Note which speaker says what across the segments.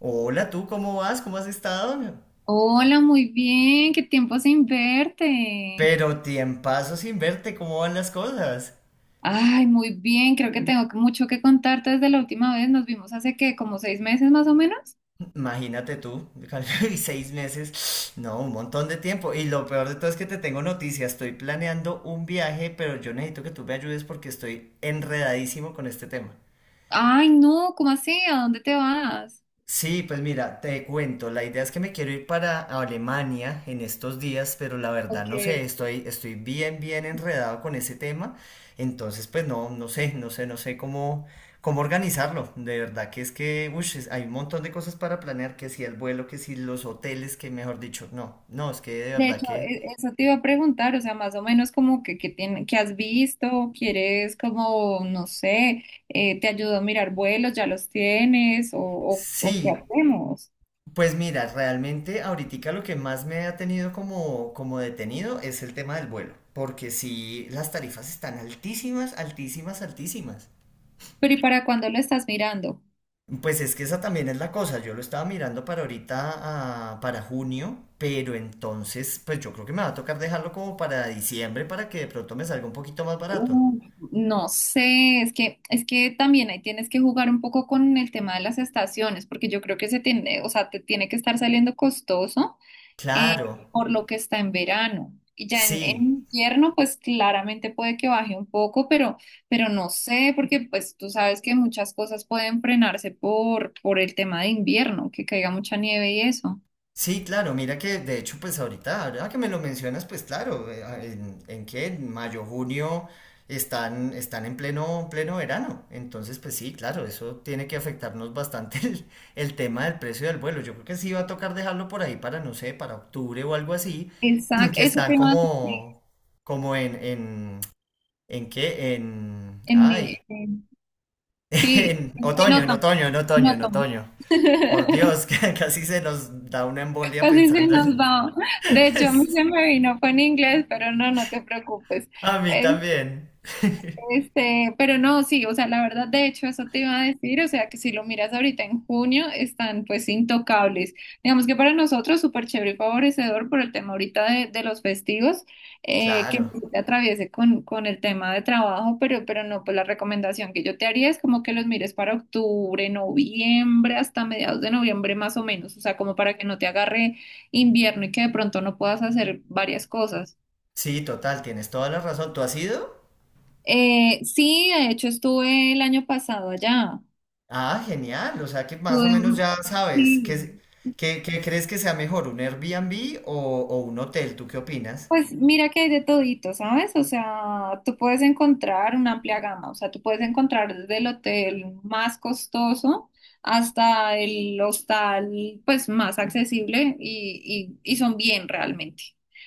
Speaker 1: Hola, tú, ¿cómo vas? ¿Cómo has estado?
Speaker 2: Hola, muy bien, qué tiempo sin verte.
Speaker 1: Pero tiempazo sin verte, ¿cómo van las cosas?
Speaker 2: Ay, muy bien, creo que tengo mucho que contarte desde la última vez. Nos vimos hace que como 6 meses más o menos.
Speaker 1: Imagínate tú, y seis meses, no, un montón de tiempo. Y lo peor de todo es que te tengo noticias, estoy planeando un viaje, pero yo necesito que tú me ayudes porque estoy enredadísimo con este tema.
Speaker 2: Ay, no, ¿cómo así? ¿A dónde te vas?
Speaker 1: Sí, pues mira, te cuento, la idea es que me quiero ir para Alemania en estos días, pero la verdad
Speaker 2: Ok.
Speaker 1: no sé, estoy bien, bien enredado con ese tema, entonces pues no, no sé cómo, cómo organizarlo, de verdad que es que, hay un montón de cosas para planear, que si el vuelo, que si los hoteles, que mejor dicho, no, no, es que de
Speaker 2: De
Speaker 1: verdad
Speaker 2: hecho,
Speaker 1: que
Speaker 2: eso te iba a preguntar, o sea, más o menos como que, que has visto, quieres como, no sé, te ayudo a mirar vuelos, ya los tienes, o qué
Speaker 1: sí.
Speaker 2: hacemos.
Speaker 1: Pues mira, realmente ahorita lo que más me ha tenido como, como detenido es el tema del vuelo, porque sí, las tarifas están altísimas, altísimas, altísimas.
Speaker 2: Pero ¿y para cuándo lo estás mirando?
Speaker 1: Pues es que esa también es la cosa, yo lo estaba mirando para ahorita, para junio, pero entonces, pues yo creo que me va a tocar dejarlo como para diciembre para que de pronto me salga un poquito más barato.
Speaker 2: Uf, no sé, es que también ahí tienes que jugar un poco con el tema de las estaciones, porque yo creo que se tiene, o sea, te tiene que estar saliendo costoso eh,
Speaker 1: Claro,
Speaker 2: por lo que está en verano. Y ya en
Speaker 1: sí.
Speaker 2: invierno, pues claramente puede que baje un poco, pero no sé, porque pues tú sabes que muchas cosas pueden frenarse por el tema de invierno, que caiga mucha nieve y eso.
Speaker 1: Sí, claro, mira que de hecho pues ahorita, ahora que me lo mencionas, pues claro, en qué, en mayo, junio están, están en pleno, pleno verano. Entonces pues sí, claro, eso tiene que afectarnos bastante el tema del precio del vuelo. Yo creo que sí va a tocar dejarlo por ahí para, no sé, para octubre o algo así,
Speaker 2: Exacto,
Speaker 1: que
Speaker 2: eso
Speaker 1: están
Speaker 2: te iba a decir.
Speaker 1: como, como en, en, ¿en qué? En,
Speaker 2: En,
Speaker 1: ay,
Speaker 2: en- sí,
Speaker 1: en
Speaker 2: en
Speaker 1: otoño, en
Speaker 2: otoño,
Speaker 1: otoño, en
Speaker 2: en
Speaker 1: otoño, en
Speaker 2: otoño.
Speaker 1: otoño. Por Dios, que casi se nos da una embolia
Speaker 2: Casi se
Speaker 1: pensando.
Speaker 2: nos va. De hecho, a mí se me vino fue en inglés, pero no, no te preocupes.
Speaker 1: A mí también.
Speaker 2: Este, pero no, sí, o sea, la verdad, de hecho, eso te iba a decir, o sea, que si lo miras ahorita en junio, están pues intocables. Digamos que para nosotros súper chévere y favorecedor por el tema ahorita de los festivos, que no
Speaker 1: Claro.
Speaker 2: te atraviese con el tema de trabajo, pero no, pues la recomendación que yo te haría es como que los mires para octubre, noviembre, hasta mediados de noviembre más o menos, o sea, como para que no te agarre invierno y que de pronto no puedas hacer varias cosas.
Speaker 1: Sí, total, tienes toda la razón. ¿Tú has ido?
Speaker 2: Sí, de hecho estuve el año pasado allá.
Speaker 1: Ah, genial. O sea que más o
Speaker 2: Tuve,
Speaker 1: menos ya sabes
Speaker 2: sí.
Speaker 1: qué, qué crees que sea mejor, ¿un Airbnb o un hotel? ¿Tú qué opinas?
Speaker 2: Pues mira que hay de todito, ¿sabes? O sea, tú puedes encontrar una amplia gama, o sea, tú puedes encontrar desde el hotel más costoso hasta el hostal pues más accesible y son bien realmente.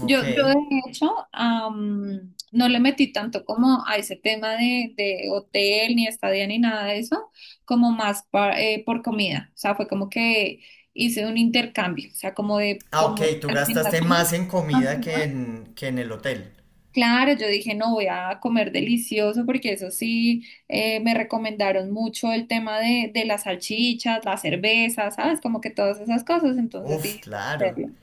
Speaker 1: Ok.
Speaker 2: Yo de hecho no le metí tanto como a ese tema de hotel ni estadía ni nada de eso, como más por comida, o sea, fue como que hice un intercambio, o sea, como de
Speaker 1: Ah, ok,
Speaker 2: como
Speaker 1: tú gastaste
Speaker 2: alimentación.
Speaker 1: más en
Speaker 2: Ajá.
Speaker 1: comida que en el hotel.
Speaker 2: Claro, yo dije, no, voy a comer delicioso porque eso sí, me recomendaron mucho el tema de las salchichas, la cerveza, ¿sabes? Como que todas esas cosas, entonces
Speaker 1: Uf,
Speaker 2: dije, "Voy a
Speaker 1: claro.
Speaker 2: hacerlo".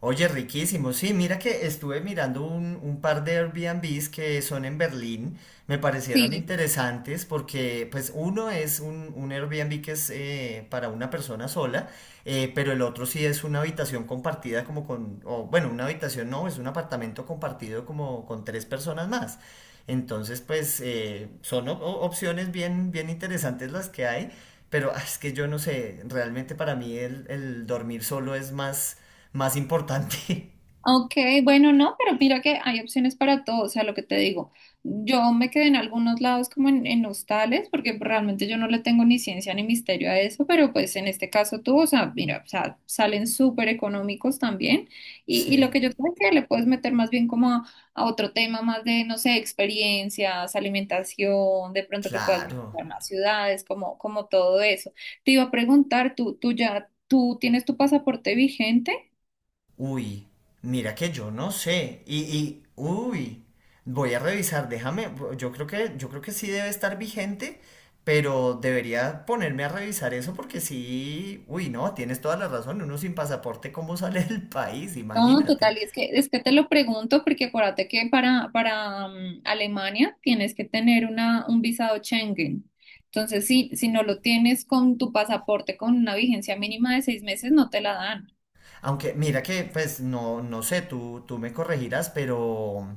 Speaker 1: Oye, riquísimo. Sí, mira que estuve mirando un par de Airbnbs que son en Berlín. Me parecieron
Speaker 2: Sí.
Speaker 1: interesantes porque, pues, uno es un Airbnb que es para una persona sola, pero el otro sí es una habitación compartida como con, o bueno, una habitación no, es un apartamento compartido como con tres personas más. Entonces, pues, son opciones bien, bien interesantes las que hay, pero es que yo no sé, realmente para mí el dormir solo es más más importante.
Speaker 2: Ok, bueno, no, pero mira que hay opciones para todo, o sea, lo que te digo, yo me quedé en algunos lados como en hostales, porque realmente yo no le tengo ni ciencia ni misterio a eso, pero pues en este caso tú, o sea, mira, o sea, salen súper económicos también, y lo
Speaker 1: Sí,
Speaker 2: que yo creo que le puedes meter más bien como a otro tema más de, no sé, experiencias, alimentación, de pronto que puedas
Speaker 1: claro.
Speaker 2: visitar más ciudades, como todo eso. Te iba a preguntar, ¿tú tienes tu pasaporte vigente?
Speaker 1: Uy, mira que yo no sé. Uy, voy a revisar, déjame, yo creo que sí debe estar vigente, pero debería ponerme a revisar eso porque sí, uy, no, tienes toda la razón, uno sin pasaporte, ¿cómo sale del país?
Speaker 2: No,
Speaker 1: Imagínate.
Speaker 2: total, y es que te lo pregunto porque acuérdate que para Alemania tienes que tener un visado Schengen. Entonces, si no lo tienes con tu pasaporte con una vigencia mínima de 6 meses, no te la dan.
Speaker 1: Aunque mira que, pues no, no sé, tú me corregirás,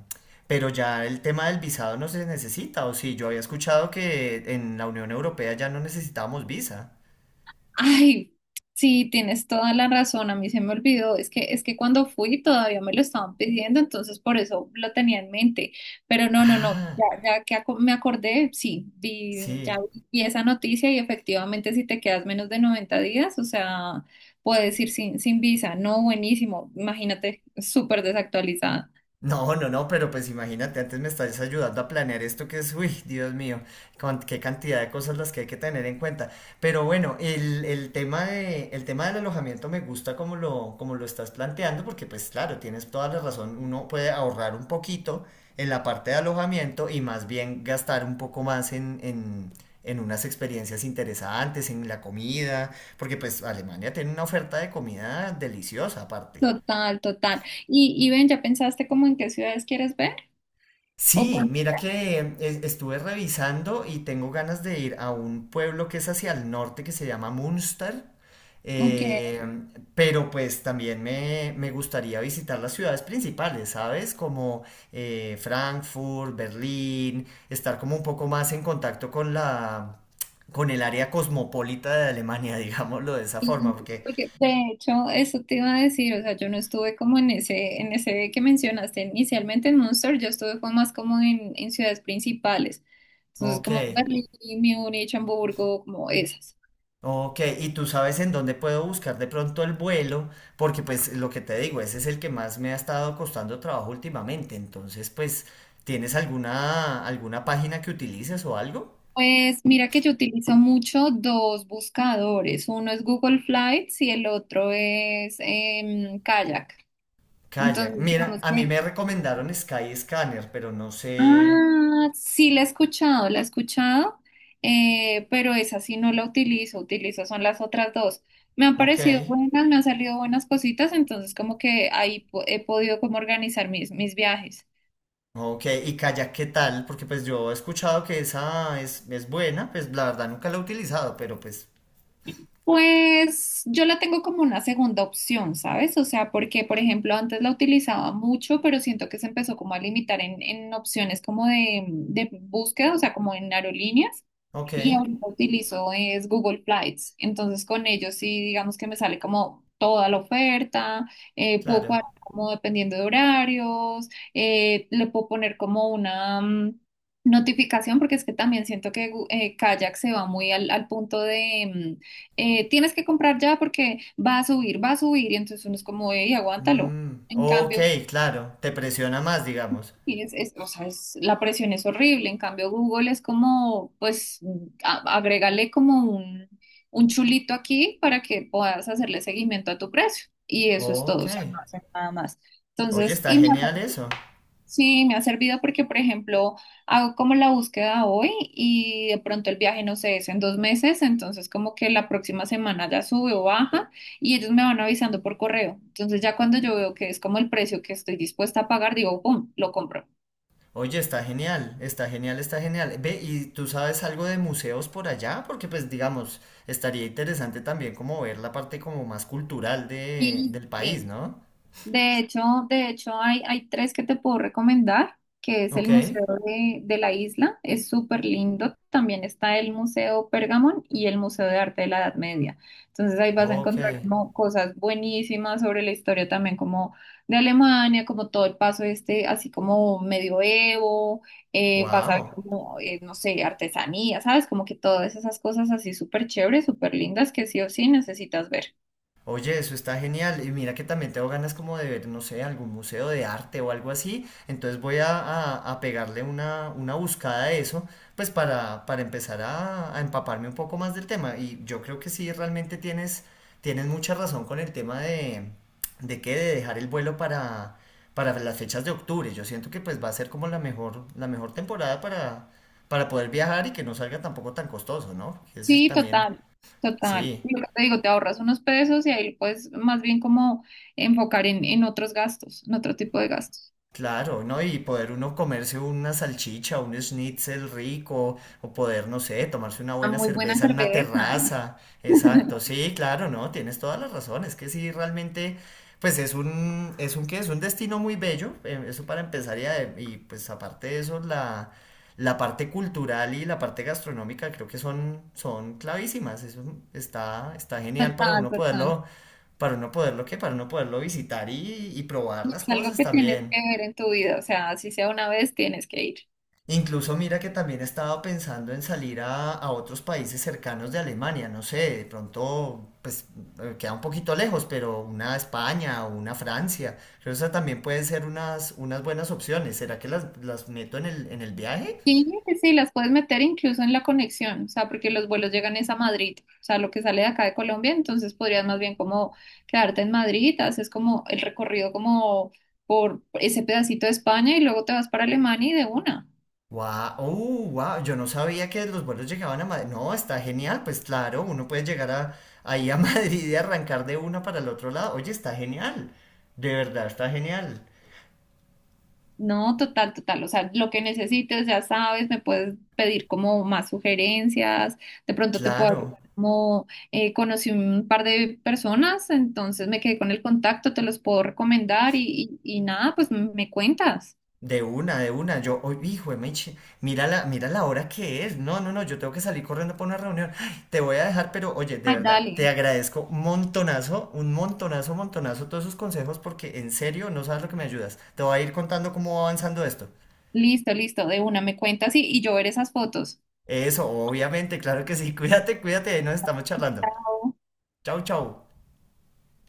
Speaker 1: pero ya el tema del visado no se necesita, o sí, yo había escuchado que en la Unión Europea ya no necesitábamos visa.
Speaker 2: Ay, sí, tienes toda la razón, a mí se me olvidó, es que cuando fui todavía me lo estaban pidiendo, entonces por eso lo tenía en mente, pero no, no, no,
Speaker 1: Ah,
Speaker 2: ya, me acordé, sí, ya
Speaker 1: sí.
Speaker 2: vi esa noticia y efectivamente si te quedas menos de 90 días, o sea, puedes ir sin visa, no, buenísimo, imagínate, súper desactualizada.
Speaker 1: No, no, no, pero pues imagínate, antes me estás ayudando a planear esto que es, uy, Dios mío, con qué cantidad de cosas las que hay que tener en cuenta. Pero bueno, el tema del alojamiento me gusta como lo estás planteando, porque pues claro, tienes toda la razón, uno puede ahorrar un poquito en la parte de alojamiento y más bien gastar un poco más en unas experiencias interesantes, en la comida, porque pues Alemania tiene una oferta de comida deliciosa aparte.
Speaker 2: Total, total. Y ven, ¿ya pensaste como en qué ciudades quieres ver? ¿O
Speaker 1: Sí,
Speaker 2: con,
Speaker 1: mira que estuve revisando y tengo ganas de ir a un pueblo que es hacia el norte que se llama Munster,
Speaker 2: ok.
Speaker 1: eh, pero pues también me gustaría visitar las ciudades principales, ¿sabes? Como Frankfurt, Berlín, estar como un poco más en contacto con la, con el área cosmopolita de Alemania, digámoslo de esa forma,
Speaker 2: Sí,
Speaker 1: porque,
Speaker 2: porque de hecho, eso te iba a decir, o sea, yo no estuve como en ese que mencionaste inicialmente en Munster, yo estuve fue más como en ciudades principales, entonces
Speaker 1: ok.
Speaker 2: como Berlín, Múnich, Hamburgo, como esas.
Speaker 1: Ok, y tú sabes en dónde puedo buscar de pronto el vuelo, porque pues lo que te digo, ese es el que más me ha estado costando trabajo últimamente. Entonces, pues, ¿tienes alguna página que utilices o algo?
Speaker 2: Pues mira que yo utilizo mucho dos buscadores, uno es Google Flights y el otro es Kayak.
Speaker 1: Kayak.
Speaker 2: Entonces,
Speaker 1: Mira,
Speaker 2: digamos
Speaker 1: a mí
Speaker 2: que.
Speaker 1: me recomendaron Skyscanner, pero no sé.
Speaker 2: Ah, sí, la he escuchado, pero esa sí no la utilizo, utilizo son las otras dos. Me han
Speaker 1: Ok.
Speaker 2: parecido buenas, me han salido buenas cositas, entonces como que ahí he podido como organizar mis viajes.
Speaker 1: Ok, y Kayak, ¿qué tal? Porque pues yo he escuchado que esa es buena, pues la verdad nunca la he utilizado, pero pues,
Speaker 2: Pues yo la tengo como una segunda opción, ¿sabes? O sea, porque por ejemplo antes la utilizaba mucho, pero siento que se empezó como a limitar en opciones como de búsqueda, o sea, como en aerolíneas.
Speaker 1: ok,
Speaker 2: Y ahorita utilizo es Google Flights. Entonces con ellos sí, digamos que me sale como toda la oferta, puedo
Speaker 1: claro.
Speaker 2: cuadrar como dependiendo de horarios, le puedo poner como una notificación, porque es que también siento que Kayak se va muy al punto de tienes que comprar ya porque va a subir, y entonces uno es como, y aguántalo.
Speaker 1: Mm,
Speaker 2: En
Speaker 1: ok,
Speaker 2: cambio,
Speaker 1: claro, te presiona más, digamos.
Speaker 2: o sea, la presión es horrible. En cambio, Google es como, pues, agrégale como un chulito aquí para que puedas hacerle seguimiento a tu precio. Y eso es todo,
Speaker 1: Ok.
Speaker 2: o sea, no hace nada más.
Speaker 1: Oye,
Speaker 2: Entonces,
Speaker 1: está genial eso.
Speaker 2: sí, me ha servido porque, por ejemplo, hago como la búsqueda hoy y de pronto el viaje, no sé, es en 2 meses, entonces como que la próxima semana ya sube o baja y ellos me van avisando por correo. Entonces, ya cuando yo veo que es como el precio que estoy dispuesta a pagar, digo, ¡pum!, lo compro.
Speaker 1: Oye, está genial, está genial, está genial. Ve, ¿y tú sabes algo de museos por allá? Porque pues digamos, estaría interesante también como ver la parte como más cultural
Speaker 2: Sí,
Speaker 1: del país,
Speaker 2: sí.
Speaker 1: ¿no?
Speaker 2: De hecho, de hecho, hay tres que te puedo recomendar, que es
Speaker 1: Ok,
Speaker 2: el Museo de la Isla, es súper lindo. También está el Museo Pergamon y el Museo de Arte de la Edad Media. Entonces ahí vas a
Speaker 1: ok.
Speaker 2: encontrar como cosas buenísimas sobre la historia también como de Alemania, como todo el paso este, así como medioevo, vas a ver
Speaker 1: Wow.
Speaker 2: como, no sé, artesanía, ¿sabes? Como que todas esas cosas así súper chéveres, súper lindas que sí o sí necesitas ver.
Speaker 1: Oye, eso está genial. Y mira que también tengo ganas como de ver, no sé, algún museo de arte o algo así. Entonces voy a pegarle una buscada a eso, pues para empezar a empaparme un poco más del tema. Y yo creo que sí, realmente tienes, tienes mucha razón con el tema de dejar el vuelo para las fechas de octubre. Yo siento que pues va a ser como la mejor temporada para poder viajar y que no salga tampoco tan costoso, ¿no? Porque ese es
Speaker 2: Sí,
Speaker 1: también,
Speaker 2: total, total.
Speaker 1: sí.
Speaker 2: Lo que te digo, te ahorras unos pesos y ahí puedes más bien como enfocar en otros gastos, en otro tipo de gastos.
Speaker 1: Claro, ¿no? Y poder uno comerse una salchicha, un schnitzel rico, o poder, no sé, tomarse una
Speaker 2: Una
Speaker 1: buena
Speaker 2: muy buena
Speaker 1: cerveza en una
Speaker 2: cerveza.
Speaker 1: terraza. Exacto, sí, claro, ¿no? Tienes toda la razón. Es que sí, realmente, pues es un, ¿qué? Es un destino muy bello, eso para empezar y pues aparte de eso, la parte cultural y la parte gastronómica creo que son, son clavísimas. Eso está, está genial
Speaker 2: Total, total.
Speaker 1: para uno poderlo, ¿qué? Para uno poderlo visitar y probar
Speaker 2: Y
Speaker 1: las
Speaker 2: es algo
Speaker 1: cosas
Speaker 2: que tienes que
Speaker 1: también.
Speaker 2: ver en tu vida, o sea, si sea una vez, tienes que ir.
Speaker 1: Incluso mira que también estaba pensando en salir a otros países cercanos de Alemania, no sé, de pronto pues queda un poquito lejos, pero una España o una Francia, creo que esas también pueden ser unas, unas buenas opciones. ¿Será que las meto en en el viaje?
Speaker 2: Sí, sí, sí, las puedes meter incluso en la conexión, o sea, porque los vuelos llegan es a Madrid, o sea, lo que sale de acá de Colombia, entonces podrías más bien como quedarte en Madrid, haces como el recorrido como por ese pedacito de España y luego te vas para Alemania y de una.
Speaker 1: Wow, oh, wow, yo no sabía que los vuelos llegaban a Madrid. No, está genial, pues claro, uno puede llegar a, ahí a Madrid y arrancar de una para el otro lado. Oye, está genial, de verdad, está genial.
Speaker 2: No, total, total, o sea, lo que necesites, ya sabes, me puedes pedir como más sugerencias, de pronto te puedo
Speaker 1: Claro.
Speaker 2: ayudar como conocí un par de personas, entonces me quedé con el contacto, te los puedo recomendar y nada, pues me cuentas.
Speaker 1: De una, de una. Yo, hoy, hijo de Meche, mira la hora que es. No, no, no, yo tengo que salir corriendo para una reunión. Ay, te voy a dejar, pero oye, de
Speaker 2: Ay,
Speaker 1: verdad, te
Speaker 2: dale.
Speaker 1: agradezco un montonazo, montonazo todos esos consejos porque en serio no sabes lo que me ayudas. Te voy a ir contando cómo va avanzando esto.
Speaker 2: Listo, listo, de una, me cuentas y yo ver esas fotos.
Speaker 1: Eso, obviamente, claro que sí. Cuídate, cuídate, ahí nos estamos charlando.
Speaker 2: Chao.
Speaker 1: Chau, chau.